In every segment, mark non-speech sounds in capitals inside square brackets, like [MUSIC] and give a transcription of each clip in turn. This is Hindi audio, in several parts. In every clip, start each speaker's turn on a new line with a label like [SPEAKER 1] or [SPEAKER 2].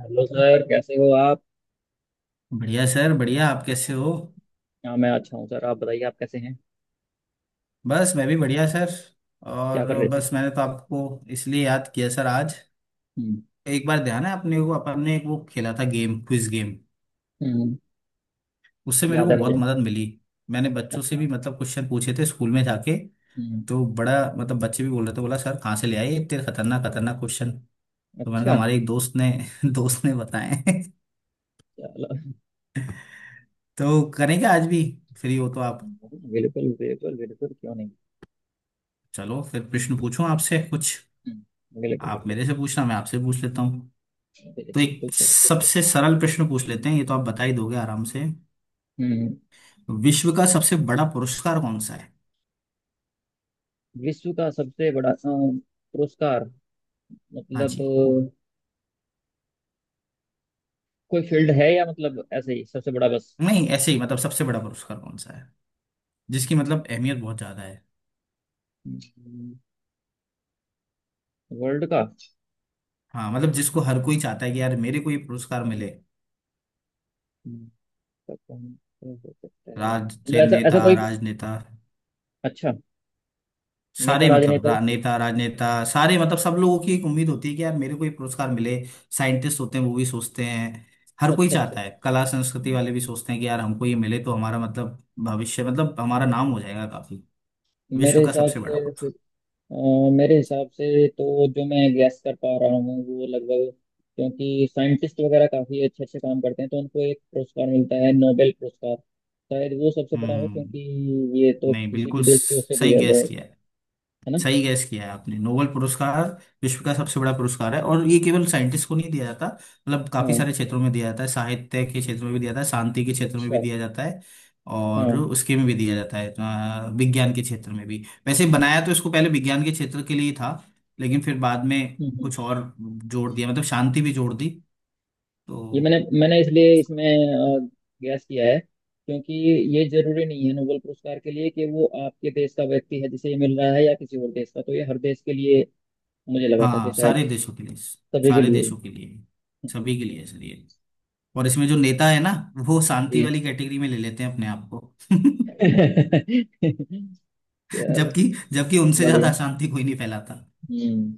[SPEAKER 1] हेलो सर, कैसे हो आप।
[SPEAKER 2] बढ़िया सर, बढ़िया। आप कैसे हो?
[SPEAKER 1] हाँ, मैं अच्छा हूँ सर। आप बताइए, आप कैसे हैं।
[SPEAKER 2] बस मैं भी बढ़िया सर।
[SPEAKER 1] क्या
[SPEAKER 2] और
[SPEAKER 1] कर रहे थे।
[SPEAKER 2] बस मैंने तो आपको इसलिए याद किया सर आज।
[SPEAKER 1] हम्म,
[SPEAKER 2] एक बार ध्यान है, आपने एक वो खेला था गेम, क्विज गेम।
[SPEAKER 1] हम्म।
[SPEAKER 2] उससे मेरे
[SPEAKER 1] याद
[SPEAKER 2] को
[SPEAKER 1] है
[SPEAKER 2] बहुत
[SPEAKER 1] मुझे।
[SPEAKER 2] मदद मिली। मैंने बच्चों से
[SPEAKER 1] अच्छा।
[SPEAKER 2] भी, मतलब, क्वेश्चन पूछे थे स्कूल में जाके।
[SPEAKER 1] हम्म।
[SPEAKER 2] तो बड़ा, मतलब, बच्चे भी बोल रहे थे, बोला सर कहाँ से ले आए ये इतने खतरनाक खतरनाक क्वेश्चन। तो मैंने कहा
[SPEAKER 1] अच्छा।
[SPEAKER 2] हमारे एक दोस्त ने [LAUGHS] दोस्त ने बताए हैं।
[SPEAKER 1] चलो।
[SPEAKER 2] तो करेंगे आज भी, फ्री हो तो आप।
[SPEAKER 1] बिल्कुल बिल्कुल बिल्कुल, क्यों नहीं।
[SPEAKER 2] चलो फिर प्रश्न पूछूं आपसे कुछ।
[SPEAKER 1] बिल्कुल
[SPEAKER 2] आप
[SPEAKER 1] बिल्कुल।
[SPEAKER 2] मेरे से पूछना, मैं आपसे पूछ लेता हूँ। तो
[SPEAKER 1] बिल्कुल
[SPEAKER 2] एक
[SPEAKER 1] सर बिल्कुल।
[SPEAKER 2] सबसे सरल प्रश्न पूछ लेते हैं, ये तो आप बता ही दोगे आराम से।
[SPEAKER 1] हम्म।
[SPEAKER 2] विश्व का सबसे बड़ा पुरस्कार कौन सा है?
[SPEAKER 1] विश्व का सबसे बड़ा पुरस्कार।
[SPEAKER 2] हाँ
[SPEAKER 1] मतलब
[SPEAKER 2] जी।
[SPEAKER 1] कोई फील्ड है, या मतलब ऐसे ही सबसे बड़ा बस।
[SPEAKER 2] नहीं, ऐसे ही मतलब, सबसे बड़ा पुरस्कार कौन सा है जिसकी मतलब अहमियत बहुत ज्यादा है।
[SPEAKER 1] हम्म, वर्ल्ड का।
[SPEAKER 2] हाँ मतलब, जिसको हर कोई चाहता है कि यार मेरे को ये पुरस्कार मिले।
[SPEAKER 1] हम्म, तो कौन हो सकता है,
[SPEAKER 2] राज
[SPEAKER 1] मतलब ऐसा ऐसा
[SPEAKER 2] नेता,
[SPEAKER 1] कोई।
[SPEAKER 2] राजनेता।
[SPEAKER 1] अच्छा। नेता
[SPEAKER 2] सारे मतलब
[SPEAKER 1] राजनेता।
[SPEAKER 2] नेता, राजनेता। सारे मतलब, सब लोगों की एक उम्मीद होती है कि यार मेरे को ये पुरस्कार मिले। साइंटिस्ट होते हैं वो भी सोचते हैं। हर कोई
[SPEAKER 1] अच्छा अच्छा।
[SPEAKER 2] चाहता है। कला संस्कृति वाले भी सोचते हैं कि यार हमको ये मिले तो हमारा मतलब भविष्य, मतलब हमारा नाम हो जाएगा काफी।
[SPEAKER 1] मेरे
[SPEAKER 2] विश्व का
[SPEAKER 1] हिसाब
[SPEAKER 2] सबसे बड़ा
[SPEAKER 1] से
[SPEAKER 2] पुरस्कार।
[SPEAKER 1] अ, मेरे हिसाब से तो जो मैं गैस कर पा रहा हूँ वो लगभग। क्योंकि साइंटिस्ट वगैरह काफी अच्छे अच्छे काम करते हैं तो उनको एक पुरस्कार मिलता है, नोबेल पुरस्कार। शायद वो सबसे बड़ा हो,
[SPEAKER 2] हम्म।
[SPEAKER 1] क्योंकि ये तो
[SPEAKER 2] नहीं,
[SPEAKER 1] किसी
[SPEAKER 2] बिल्कुल
[SPEAKER 1] भी देश के उससे भी
[SPEAKER 2] सही
[SPEAKER 1] ज्यादा
[SPEAKER 2] गैस
[SPEAKER 1] है।
[SPEAKER 2] किया है।
[SPEAKER 1] है ना।
[SPEAKER 2] सही गैस किया है आपने, नोबेल पुरस्कार। विश्व का सबसे बड़ा पुरस्कार है, और ये केवल साइंटिस्ट को नहीं दिया जाता, मतलब काफी
[SPEAKER 1] हाँ।
[SPEAKER 2] सारे क्षेत्रों में दिया जाता है। साहित्य के क्षेत्र में भी दिया जाता है, शांति के क्षेत्र में भी
[SPEAKER 1] अच्छा।
[SPEAKER 2] दिया जाता है।
[SPEAKER 1] हाँ,
[SPEAKER 2] और
[SPEAKER 1] हम्म।
[SPEAKER 2] उसके में भी दिया जाता है, विज्ञान के क्षेत्र में भी। वैसे बनाया तो इसको पहले विज्ञान के क्षेत्र के लिए था, लेकिन फिर बाद में
[SPEAKER 1] हम्म।
[SPEAKER 2] कुछ और जोड़ दिया, मतलब शांति भी जोड़ दी,
[SPEAKER 1] ये
[SPEAKER 2] तो।
[SPEAKER 1] मैंने मैंने इसलिए इसमें गैस किया है, क्योंकि ये जरूरी नहीं है नोबेल पुरस्कार के लिए कि वो आपके देश का व्यक्ति है जिसे ये मिल रहा है, या किसी और देश का। तो ये हर देश के लिए। मुझे लगा था कि
[SPEAKER 2] हाँ
[SPEAKER 1] शायद
[SPEAKER 2] सारे देशों के लिए,
[SPEAKER 1] सभी के
[SPEAKER 2] सारे
[SPEAKER 1] लिए।
[SPEAKER 2] देशों के लिए, सभी के लिए सर ये। और इसमें जो नेता है ना, वो शांति
[SPEAKER 1] जी।
[SPEAKER 2] वाली कैटेगरी में ले लेते हैं अपने आप को। [LAUGHS]
[SPEAKER 1] [LAUGHS] चलो।
[SPEAKER 2] जबकि जबकि उनसे ज्यादा
[SPEAKER 1] बढ़िया।
[SPEAKER 2] अशांति कोई नहीं फैलाता।
[SPEAKER 1] हम्म।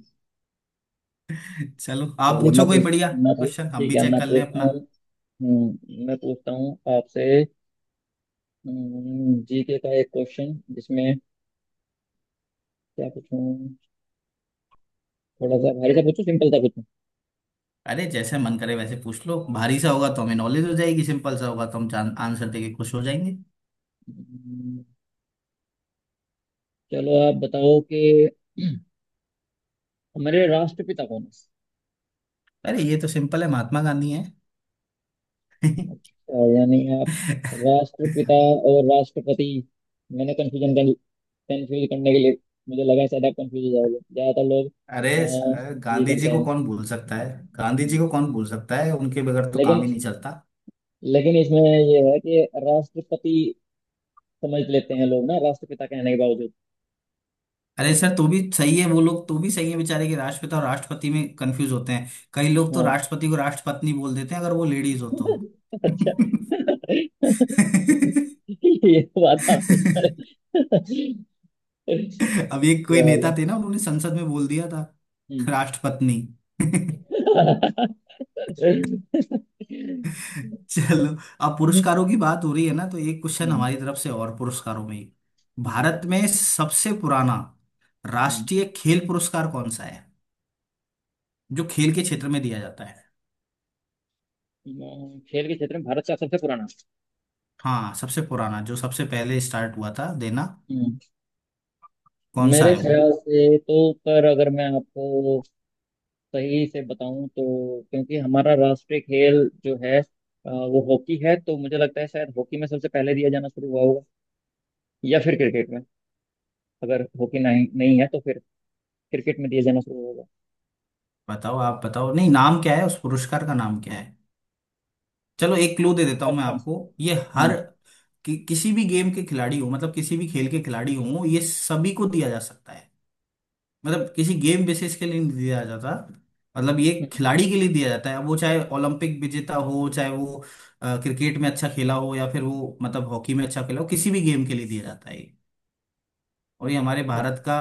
[SPEAKER 2] चलो आप
[SPEAKER 1] चलिए
[SPEAKER 2] पूछो कोई बढ़िया
[SPEAKER 1] मैं पूछ
[SPEAKER 2] क्वेश्चन, हम
[SPEAKER 1] ठीक
[SPEAKER 2] भी
[SPEAKER 1] है,
[SPEAKER 2] चेक
[SPEAKER 1] मैं
[SPEAKER 2] कर लें
[SPEAKER 1] पूछता
[SPEAKER 2] अपना।
[SPEAKER 1] हूँ। मैं पूछता हूँ आपसे। जीके का एक क्वेश्चन जिसमें क्या पूछूं, थोड़ा सा भारी सा पूछूं, सिंपल सा पूछूं।
[SPEAKER 2] अरे जैसे मन करे वैसे पूछ लो। भारी सा होगा तो हमें नॉलेज हो जाएगी, सिंपल सा होगा तो हम जान आंसर देके खुश हो जाएंगे।
[SPEAKER 1] हम्म, चलो आप बताओ कि हमारे राष्ट्रपिता कौन है।
[SPEAKER 2] अरे ये तो सिंपल है, महात्मा गांधी है।
[SPEAKER 1] अच्छा, यानी आप
[SPEAKER 2] [LAUGHS]
[SPEAKER 1] राष्ट्रपिता और राष्ट्रपति। मैंने कंफ्यूजन कंफ्यूज करने के लिए, मुझे लगा है शायद आप कंफ्यूज हो जाओगे, ज्यादातर लोग
[SPEAKER 2] अरे
[SPEAKER 1] अ,
[SPEAKER 2] सर,
[SPEAKER 1] ये
[SPEAKER 2] गांधी जी
[SPEAKER 1] करते
[SPEAKER 2] को
[SPEAKER 1] हैं।
[SPEAKER 2] कौन भूल सकता है? गांधी जी
[SPEAKER 1] हम्म।
[SPEAKER 2] को कौन भूल सकता है, उनके बगैर तो काम
[SPEAKER 1] लेकिन
[SPEAKER 2] ही नहीं चलता।
[SPEAKER 1] लेकिन इसमें ये है कि राष्ट्रपति समझ लेते हैं लोग ना, राष्ट्रपिता कहने के बावजूद।
[SPEAKER 2] अरे सर, तो भी सही है वो लोग, तो भी सही है बेचारे, के राष्ट्रपिता और राष्ट्रपति में कंफ्यूज होते हैं। कई लोग तो
[SPEAKER 1] हाँ।
[SPEAKER 2] राष्ट्रपति को राष्ट्रपत्नी बोल देते हैं, अगर वो लेडीज हो तो।
[SPEAKER 1] [LAUGHS] अच्छा। [LAUGHS]
[SPEAKER 2] [LAUGHS]
[SPEAKER 1] ये तो बात आप सही कह रहे हैं।
[SPEAKER 2] अब एक कोई नेता
[SPEAKER 1] चलो।
[SPEAKER 2] थे ना, उन्होंने संसद में बोल दिया था
[SPEAKER 1] हम्म।
[SPEAKER 2] राष्ट्रपत्नी। [LAUGHS]
[SPEAKER 1] [LAUGHS]
[SPEAKER 2] चलो। अब पुरस्कारों की बात हो रही है ना, तो एक
[SPEAKER 1] हम्म,
[SPEAKER 2] क्वेश्चन हमारी तरफ से और पुरस्कारों में ही। भारत में सबसे पुराना
[SPEAKER 1] हम्म,
[SPEAKER 2] राष्ट्रीय खेल पुरस्कार कौन सा है? जो खेल के क्षेत्र में दिया जाता है।
[SPEAKER 1] खेल के क्षेत्र में भारत का सबसे पुराना।
[SPEAKER 2] हाँ, सबसे पुराना, जो सबसे पहले स्टार्ट हुआ था देना।
[SPEAKER 1] हम्म।
[SPEAKER 2] कौन सा
[SPEAKER 1] मेरे
[SPEAKER 2] है वो?
[SPEAKER 1] ख्याल से तो, पर अगर मैं आपको सही से बताऊं तो, क्योंकि हमारा राष्ट्रीय खेल जो है वो हॉकी है, तो मुझे लगता है शायद हॉकी में सबसे पहले दिया जाना शुरू हुआ होगा। या फिर क्रिकेट में। अगर हॉकी नहीं नहीं है तो फिर क्रिकेट में दिया जाना शुरू होगा।
[SPEAKER 2] बताओ, आप बताओ। नहीं, नाम क्या है, उस पुरस्कार का नाम क्या है? चलो एक क्लू दे देता हूँ मैं
[SPEAKER 1] अच्छा।
[SPEAKER 2] आपको ये हर,
[SPEAKER 1] हम्म।
[SPEAKER 2] किसी भी गेम के खिलाड़ी हो, मतलब किसी भी खेल के खिलाड़ी हो, ये सभी को दिया जा सकता है। मतलब किसी गेम बेसिस के लिए नहीं दिया जाता। मतलब ये
[SPEAKER 1] हम्म।
[SPEAKER 2] खिलाड़ी के लिए दिया जाता है, वो चाहे ओलंपिक विजेता हो, चाहे वो क्रिकेट में अच्छा खेला हो, या फिर वो मतलब हॉकी में अच्छा खेला हो, किसी भी गेम के लिए दिया जाता है। और ये हमारे
[SPEAKER 1] अच्छा।
[SPEAKER 2] भारत का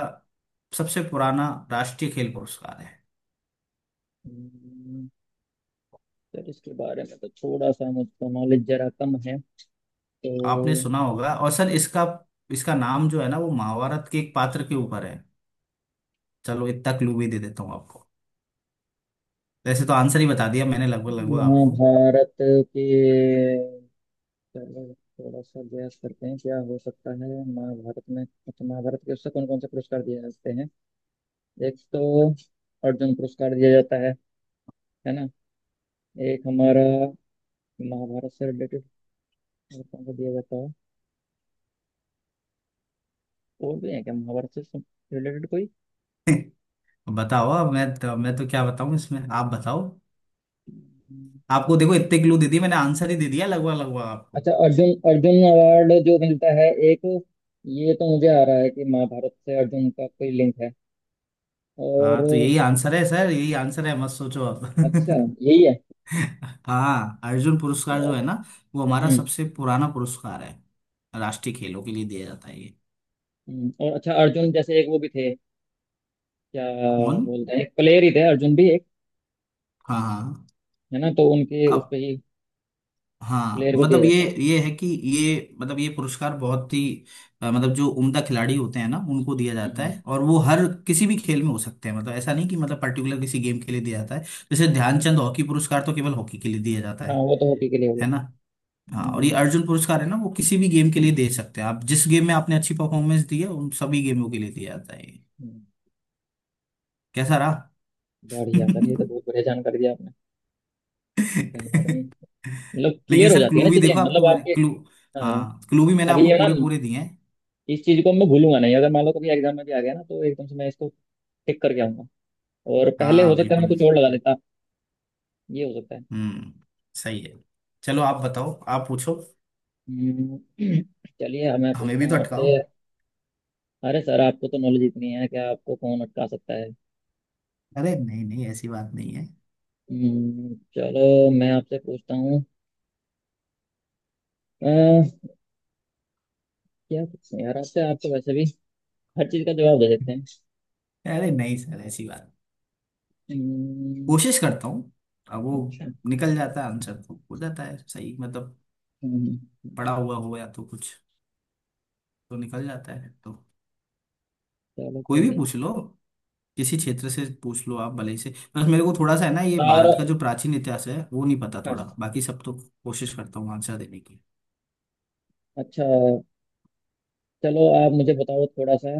[SPEAKER 2] सबसे पुराना राष्ट्रीय खेल पुरस्कार है।
[SPEAKER 1] हम्म, सर इसके बारे में तो थोड़ा सा मुझको नॉलेज जरा कम है,
[SPEAKER 2] आपने
[SPEAKER 1] तो।
[SPEAKER 2] सुना होगा और सर इसका इसका नाम जो है ना, वो महाभारत के एक पात्र के ऊपर है। चलो इतना क्लू भी दे देता हूँ आपको। वैसे तो आंसर ही बता दिया मैंने लगभग लगभग आपको।
[SPEAKER 1] महाभारत के। चलो, थोड़ा सा गैस करते हैं क्या हो सकता है महाभारत में। अच्छा, महाभारत के उससे कौन कौन से पुरस्कार दिए जाते हैं। एक तो अर्जुन पुरस्कार दिया जाता है ना। एक हमारा महाभारत से रिलेटेड कौन सा दिया जाता है, और भी है क्या महाभारत से रिलेटेड कोई।
[SPEAKER 2] [LAUGHS] बताओ अब मैं तो क्या बताऊं इसमें, आप बताओ। आपको देखो इतने क्लू दे दिए मैंने, आंसर ही दे दिया लगभग लगभग आपको।
[SPEAKER 1] अच्छा, अर्जुन, अर्जुन अवार्ड जो मिलता है एक, ये तो मुझे आ रहा है कि महाभारत से अर्जुन का कोई लिंक है,
[SPEAKER 2] हाँ तो
[SPEAKER 1] और।
[SPEAKER 2] यही आंसर है सर, यही आंसर है, मत सोचो आप।
[SPEAKER 1] अच्छा।
[SPEAKER 2] [LAUGHS]
[SPEAKER 1] यही है।
[SPEAKER 2] हाँ, अर्जुन पुरस्कार
[SPEAKER 1] अच्छा।
[SPEAKER 2] जो है ना, वो हमारा
[SPEAKER 1] हम्म,
[SPEAKER 2] सबसे पुराना पुरस्कार है। राष्ट्रीय खेलों के लिए दिया जाता है ये।
[SPEAKER 1] और अच्छा, अर्जुन जैसे एक वो भी थे क्या,
[SPEAKER 2] कौन?
[SPEAKER 1] बोलते हैं एक प्लेयर ही थे, अर्जुन भी एक,
[SPEAKER 2] हाँ हाँ।
[SPEAKER 1] है ना, तो उनके उस पे
[SPEAKER 2] अब
[SPEAKER 1] ही
[SPEAKER 2] हाँ
[SPEAKER 1] प्लेयर को दिया
[SPEAKER 2] मतलब ये
[SPEAKER 1] जाता है।
[SPEAKER 2] ये है कि ये मतलब ये पुरस्कार बहुत ही, मतलब जो उम्दा खिलाड़ी होते हैं ना उनको दिया
[SPEAKER 1] हम्म,
[SPEAKER 2] जाता है, और वो हर किसी भी खेल में हो सकते हैं, मतलब ऐसा नहीं कि मतलब पर्टिकुलर किसी गेम के लिए दिया जाता है। जैसे
[SPEAKER 1] अच्छा अच्छा।
[SPEAKER 2] ध्यानचंद हॉकी पुरस्कार तो केवल हॉकी के लिए दिया जाता
[SPEAKER 1] हाँ
[SPEAKER 2] है।
[SPEAKER 1] वो तो हॉकी के लिए हो
[SPEAKER 2] है
[SPEAKER 1] गया।
[SPEAKER 2] ना? हाँ, और ये
[SPEAKER 1] हम्म,
[SPEAKER 2] अर्जुन पुरस्कार है ना, वो किसी भी गेम के लिए दे सकते हैं आप, जिस गेम में आपने अच्छी परफॉर्मेंस दी है उन सभी गेमों के लिए दिया जाता है।
[SPEAKER 1] हम्म,
[SPEAKER 2] कैसा रहा?
[SPEAKER 1] बढ़िया सर, ये तो
[SPEAKER 2] [LAUGHS]
[SPEAKER 1] बहुत बढ़िया जानकारी दी आपने। कहीं ना कहीं, मतलब
[SPEAKER 2] लेकिन
[SPEAKER 1] क्लियर हो
[SPEAKER 2] सर
[SPEAKER 1] जाती है
[SPEAKER 2] क्लू
[SPEAKER 1] ना
[SPEAKER 2] भी
[SPEAKER 1] चीजें,
[SPEAKER 2] देखो आपको
[SPEAKER 1] मतलब
[SPEAKER 2] मैंने
[SPEAKER 1] आपके।
[SPEAKER 2] क्लू,
[SPEAKER 1] हाँ।
[SPEAKER 2] हाँ क्लू भी मैंने
[SPEAKER 1] अभी
[SPEAKER 2] आपको
[SPEAKER 1] ये ना,
[SPEAKER 2] पूरे पूरे दिए हैं।
[SPEAKER 1] इस चीज को मैं भूलूंगा नहीं। अगर मान लो कभी एग्जाम में भी आ गया ना, तो एकदम से मैं इसको टिक करके आऊंगा। और पहले
[SPEAKER 2] हाँ
[SPEAKER 1] हो सकता है मैं
[SPEAKER 2] बिल्कुल।
[SPEAKER 1] कुछ और लगा लेता। ये हो सकता है।
[SPEAKER 2] हम्म। सही है। चलो आप बताओ, आप पूछो,
[SPEAKER 1] हम्म, [CLEARS THROAT] चलिए अब मैं
[SPEAKER 2] हमें
[SPEAKER 1] पूछता
[SPEAKER 2] भी तो
[SPEAKER 1] हूँ
[SPEAKER 2] अटकाओ।
[SPEAKER 1] आपसे। अरे सर, आपको तो नॉलेज इतनी है कि आपको कौन अटका सकता है।
[SPEAKER 2] अरे नहीं नहीं, ऐसी बात नहीं है।
[SPEAKER 1] चलो, मैं आपसे पूछता हूँ। अ, क्या पूछूं यार आपसे, आप तो वैसे भी हर चीज का जवाब दे देते हैं।
[SPEAKER 2] अरे नहीं सर, ऐसी बात।
[SPEAKER 1] हम्म,
[SPEAKER 2] कोशिश करता हूँ। अब वो
[SPEAKER 1] अच्छा।
[SPEAKER 2] निकल जाता है आंसर, तो हो जाता है सही, मतलब
[SPEAKER 1] हम्म,
[SPEAKER 2] पड़ा हुआ हो या तो कुछ, तो निकल जाता है तो।
[SPEAKER 1] चलो
[SPEAKER 2] कोई
[SPEAKER 1] कोई
[SPEAKER 2] भी
[SPEAKER 1] नहीं।
[SPEAKER 2] पूछ लो, किसी क्षेत्र से पूछ लो आप, भले ही से। बस मेरे को थोड़ा सा है ना, ये
[SPEAKER 1] तार।
[SPEAKER 2] भारत का जो प्राचीन इतिहास है वो नहीं पता
[SPEAKER 1] हाँ।
[SPEAKER 2] थोड़ा, बाकी सब तो। कोशिश करता हूँ आंसर देने की।
[SPEAKER 1] अच्छा, चलो आप मुझे बताओ थोड़ा सा,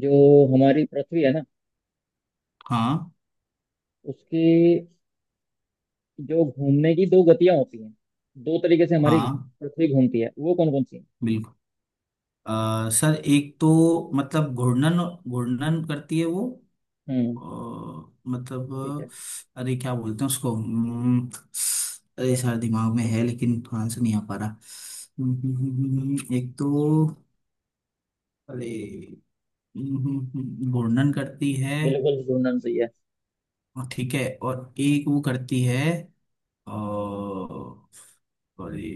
[SPEAKER 1] जो हमारी पृथ्वी है ना,
[SPEAKER 2] हाँ।
[SPEAKER 1] उसकी जो घूमने की दो गतियां होती हैं, दो तरीके से हमारी
[SPEAKER 2] हाँ।
[SPEAKER 1] पृथ्वी घूमती है, वो कौन कौन सी हैं।
[SPEAKER 2] बिल्कुल। सर एक तो मतलब घूर्णन, घूर्णन करती है वो। अ,
[SPEAKER 1] हम्म।
[SPEAKER 2] मतलब,
[SPEAKER 1] ठीक है।
[SPEAKER 2] अरे क्या बोलते हैं उसको? अरे सर दिमाग में है लेकिन आंसर नहीं आ पा रहा, एक तो, अरे, घूर्णन करती है।
[SPEAKER 1] बिल्कुल, घूमना सही है।
[SPEAKER 2] हाँ, ठीक है, और एक वो करती है, और, सॉरी,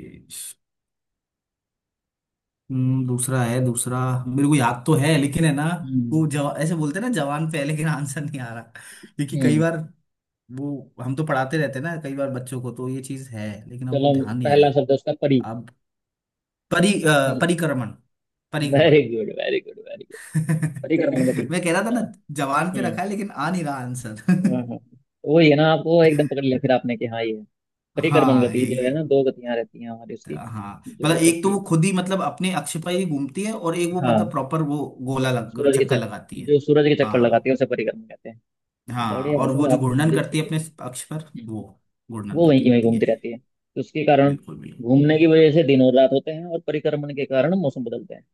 [SPEAKER 2] दूसरा है दूसरा, मेरे को याद तो है लेकिन है ना,
[SPEAKER 1] हम्म।
[SPEAKER 2] वो जवा ऐसे बोलते हैं ना, जवान पे है लेकिन आंसर नहीं आ रहा, क्योंकि कई
[SPEAKER 1] हम्म।
[SPEAKER 2] बार वो हम तो पढ़ाते रहते हैं ना, कई बार बच्चों को, तो ये चीज है लेकिन अब वो
[SPEAKER 1] चलो,
[SPEAKER 2] ध्यान नहीं आ
[SPEAKER 1] पहला
[SPEAKER 2] रही।
[SPEAKER 1] शब्द है उसका, परी।
[SPEAKER 2] अब परिक्रमण, परिक्रमण।
[SPEAKER 1] Very good very good very good.
[SPEAKER 2] [LAUGHS]
[SPEAKER 1] बड़ी कर्मगति।
[SPEAKER 2] मैं कह रहा था ना,
[SPEAKER 1] हाँ।
[SPEAKER 2] जवान पे
[SPEAKER 1] हम्म।
[SPEAKER 2] रखा है लेकिन आ नहीं रहा
[SPEAKER 1] हाँ,
[SPEAKER 2] आंसर।
[SPEAKER 1] हाँ। तो वही है ना, आपको एकदम पकड़ लिया फिर आपने कि हाँ ये है।
[SPEAKER 2] [LAUGHS]
[SPEAKER 1] परिक्रमण
[SPEAKER 2] हाँ
[SPEAKER 1] गति जो
[SPEAKER 2] यही।
[SPEAKER 1] है ना, दो गतियां रहती हैं हमारी उसकी।
[SPEAKER 2] हाँ मतलब
[SPEAKER 1] जो
[SPEAKER 2] एक तो
[SPEAKER 1] करती
[SPEAKER 2] वो
[SPEAKER 1] है।
[SPEAKER 2] खुद ही, मतलब अपने अक्ष पर ही घूमती है, और एक वो मतलब
[SPEAKER 1] हाँ।
[SPEAKER 2] प्रॉपर वो गोला लग
[SPEAKER 1] सूरज के
[SPEAKER 2] चक्कर लगाती
[SPEAKER 1] चक्कर,
[SPEAKER 2] है।
[SPEAKER 1] जो सूरज के चक्कर लगाती
[SPEAKER 2] हाँ।
[SPEAKER 1] है उसे परिक्रमण कहते हैं।
[SPEAKER 2] हाँ
[SPEAKER 1] बढ़िया है
[SPEAKER 2] और
[SPEAKER 1] सर,
[SPEAKER 2] वो जो
[SPEAKER 1] आपकी
[SPEAKER 2] घूर्णन
[SPEAKER 1] नॉलेज
[SPEAKER 2] करती
[SPEAKER 1] ठीक
[SPEAKER 2] है
[SPEAKER 1] है।
[SPEAKER 2] अपने अक्ष पर,
[SPEAKER 1] हम्म,
[SPEAKER 2] वो घूर्णन
[SPEAKER 1] वो वहीं
[SPEAKER 2] करती
[SPEAKER 1] की वहीं
[SPEAKER 2] होती है।
[SPEAKER 1] घूमती रहती है, तो उसके कारण,
[SPEAKER 2] बिल्कुल बिल्कुल।
[SPEAKER 1] घूमने की वजह से दिन और रात होते हैं, और परिक्रमण के कारण मौसम बदलते हैं।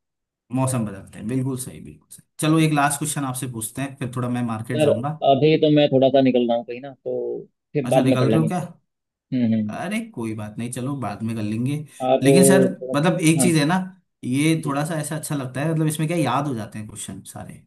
[SPEAKER 2] मौसम बदलता है, बिल्कुल सही, बिल्कुल सही। चलो एक लास्ट क्वेश्चन आपसे पूछते हैं, फिर थोड़ा मैं मार्केट
[SPEAKER 1] सर,
[SPEAKER 2] जाऊंगा।
[SPEAKER 1] अभी तो मैं थोड़ा सा निकल रहा हूँ कहीं, ना तो फिर
[SPEAKER 2] अच्छा,
[SPEAKER 1] बाद में कर
[SPEAKER 2] निकल रहे
[SPEAKER 1] लेंगे।
[SPEAKER 2] हो क्या?
[SPEAKER 1] हम्म, हम्म,
[SPEAKER 2] अरे कोई बात नहीं, चलो बाद में कर लेंगे।
[SPEAKER 1] आप
[SPEAKER 2] लेकिन सर,
[SPEAKER 1] थोड़ा।
[SPEAKER 2] मतलब एक
[SPEAKER 1] हाँ
[SPEAKER 2] चीज है ना, ये
[SPEAKER 1] जी,
[SPEAKER 2] थोड़ा सा ऐसा अच्छा लगता है, मतलब इसमें क्या, याद हो जाते हैं क्वेश्चन सारे।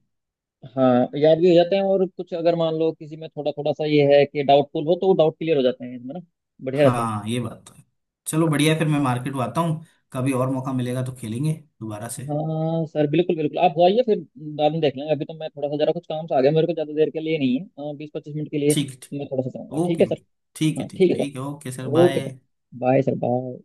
[SPEAKER 1] हाँ, याद भी हो जाते हैं, और कुछ अगर मान लो किसी में थोड़ा थोड़ा सा ये है कि डाउटफुल हो, तो वो डाउट क्लियर हो जाते हैं इसमें ना। बढ़िया रहता है।
[SPEAKER 2] हाँ ये बात तो है। चलो बढ़िया है, फिर मैं मार्केट आता हूँ। कभी और मौका मिलेगा तो खेलेंगे दोबारा से।
[SPEAKER 1] हाँ सर, बिल्कुल बिल्कुल। आप हो आइए फिर, बाद में देख लेंगे। अभी तो मैं थोड़ा सा जरा कुछ काम से आ गया, मेरे को ज़्यादा देर के लिए नहीं है, 20-25 मिनट के लिए
[SPEAKER 2] ठीक, ठीक।
[SPEAKER 1] मैं थोड़ा सा जाऊँगा। ठीक
[SPEAKER 2] ओके
[SPEAKER 1] है
[SPEAKER 2] ओके।
[SPEAKER 1] सर।
[SPEAKER 2] ठीक है,
[SPEAKER 1] हाँ
[SPEAKER 2] ठीक,
[SPEAKER 1] ठीक है सर।
[SPEAKER 2] ठीक है। Okay sir,
[SPEAKER 1] okay sir,
[SPEAKER 2] bye.
[SPEAKER 1] Bye sir, bye.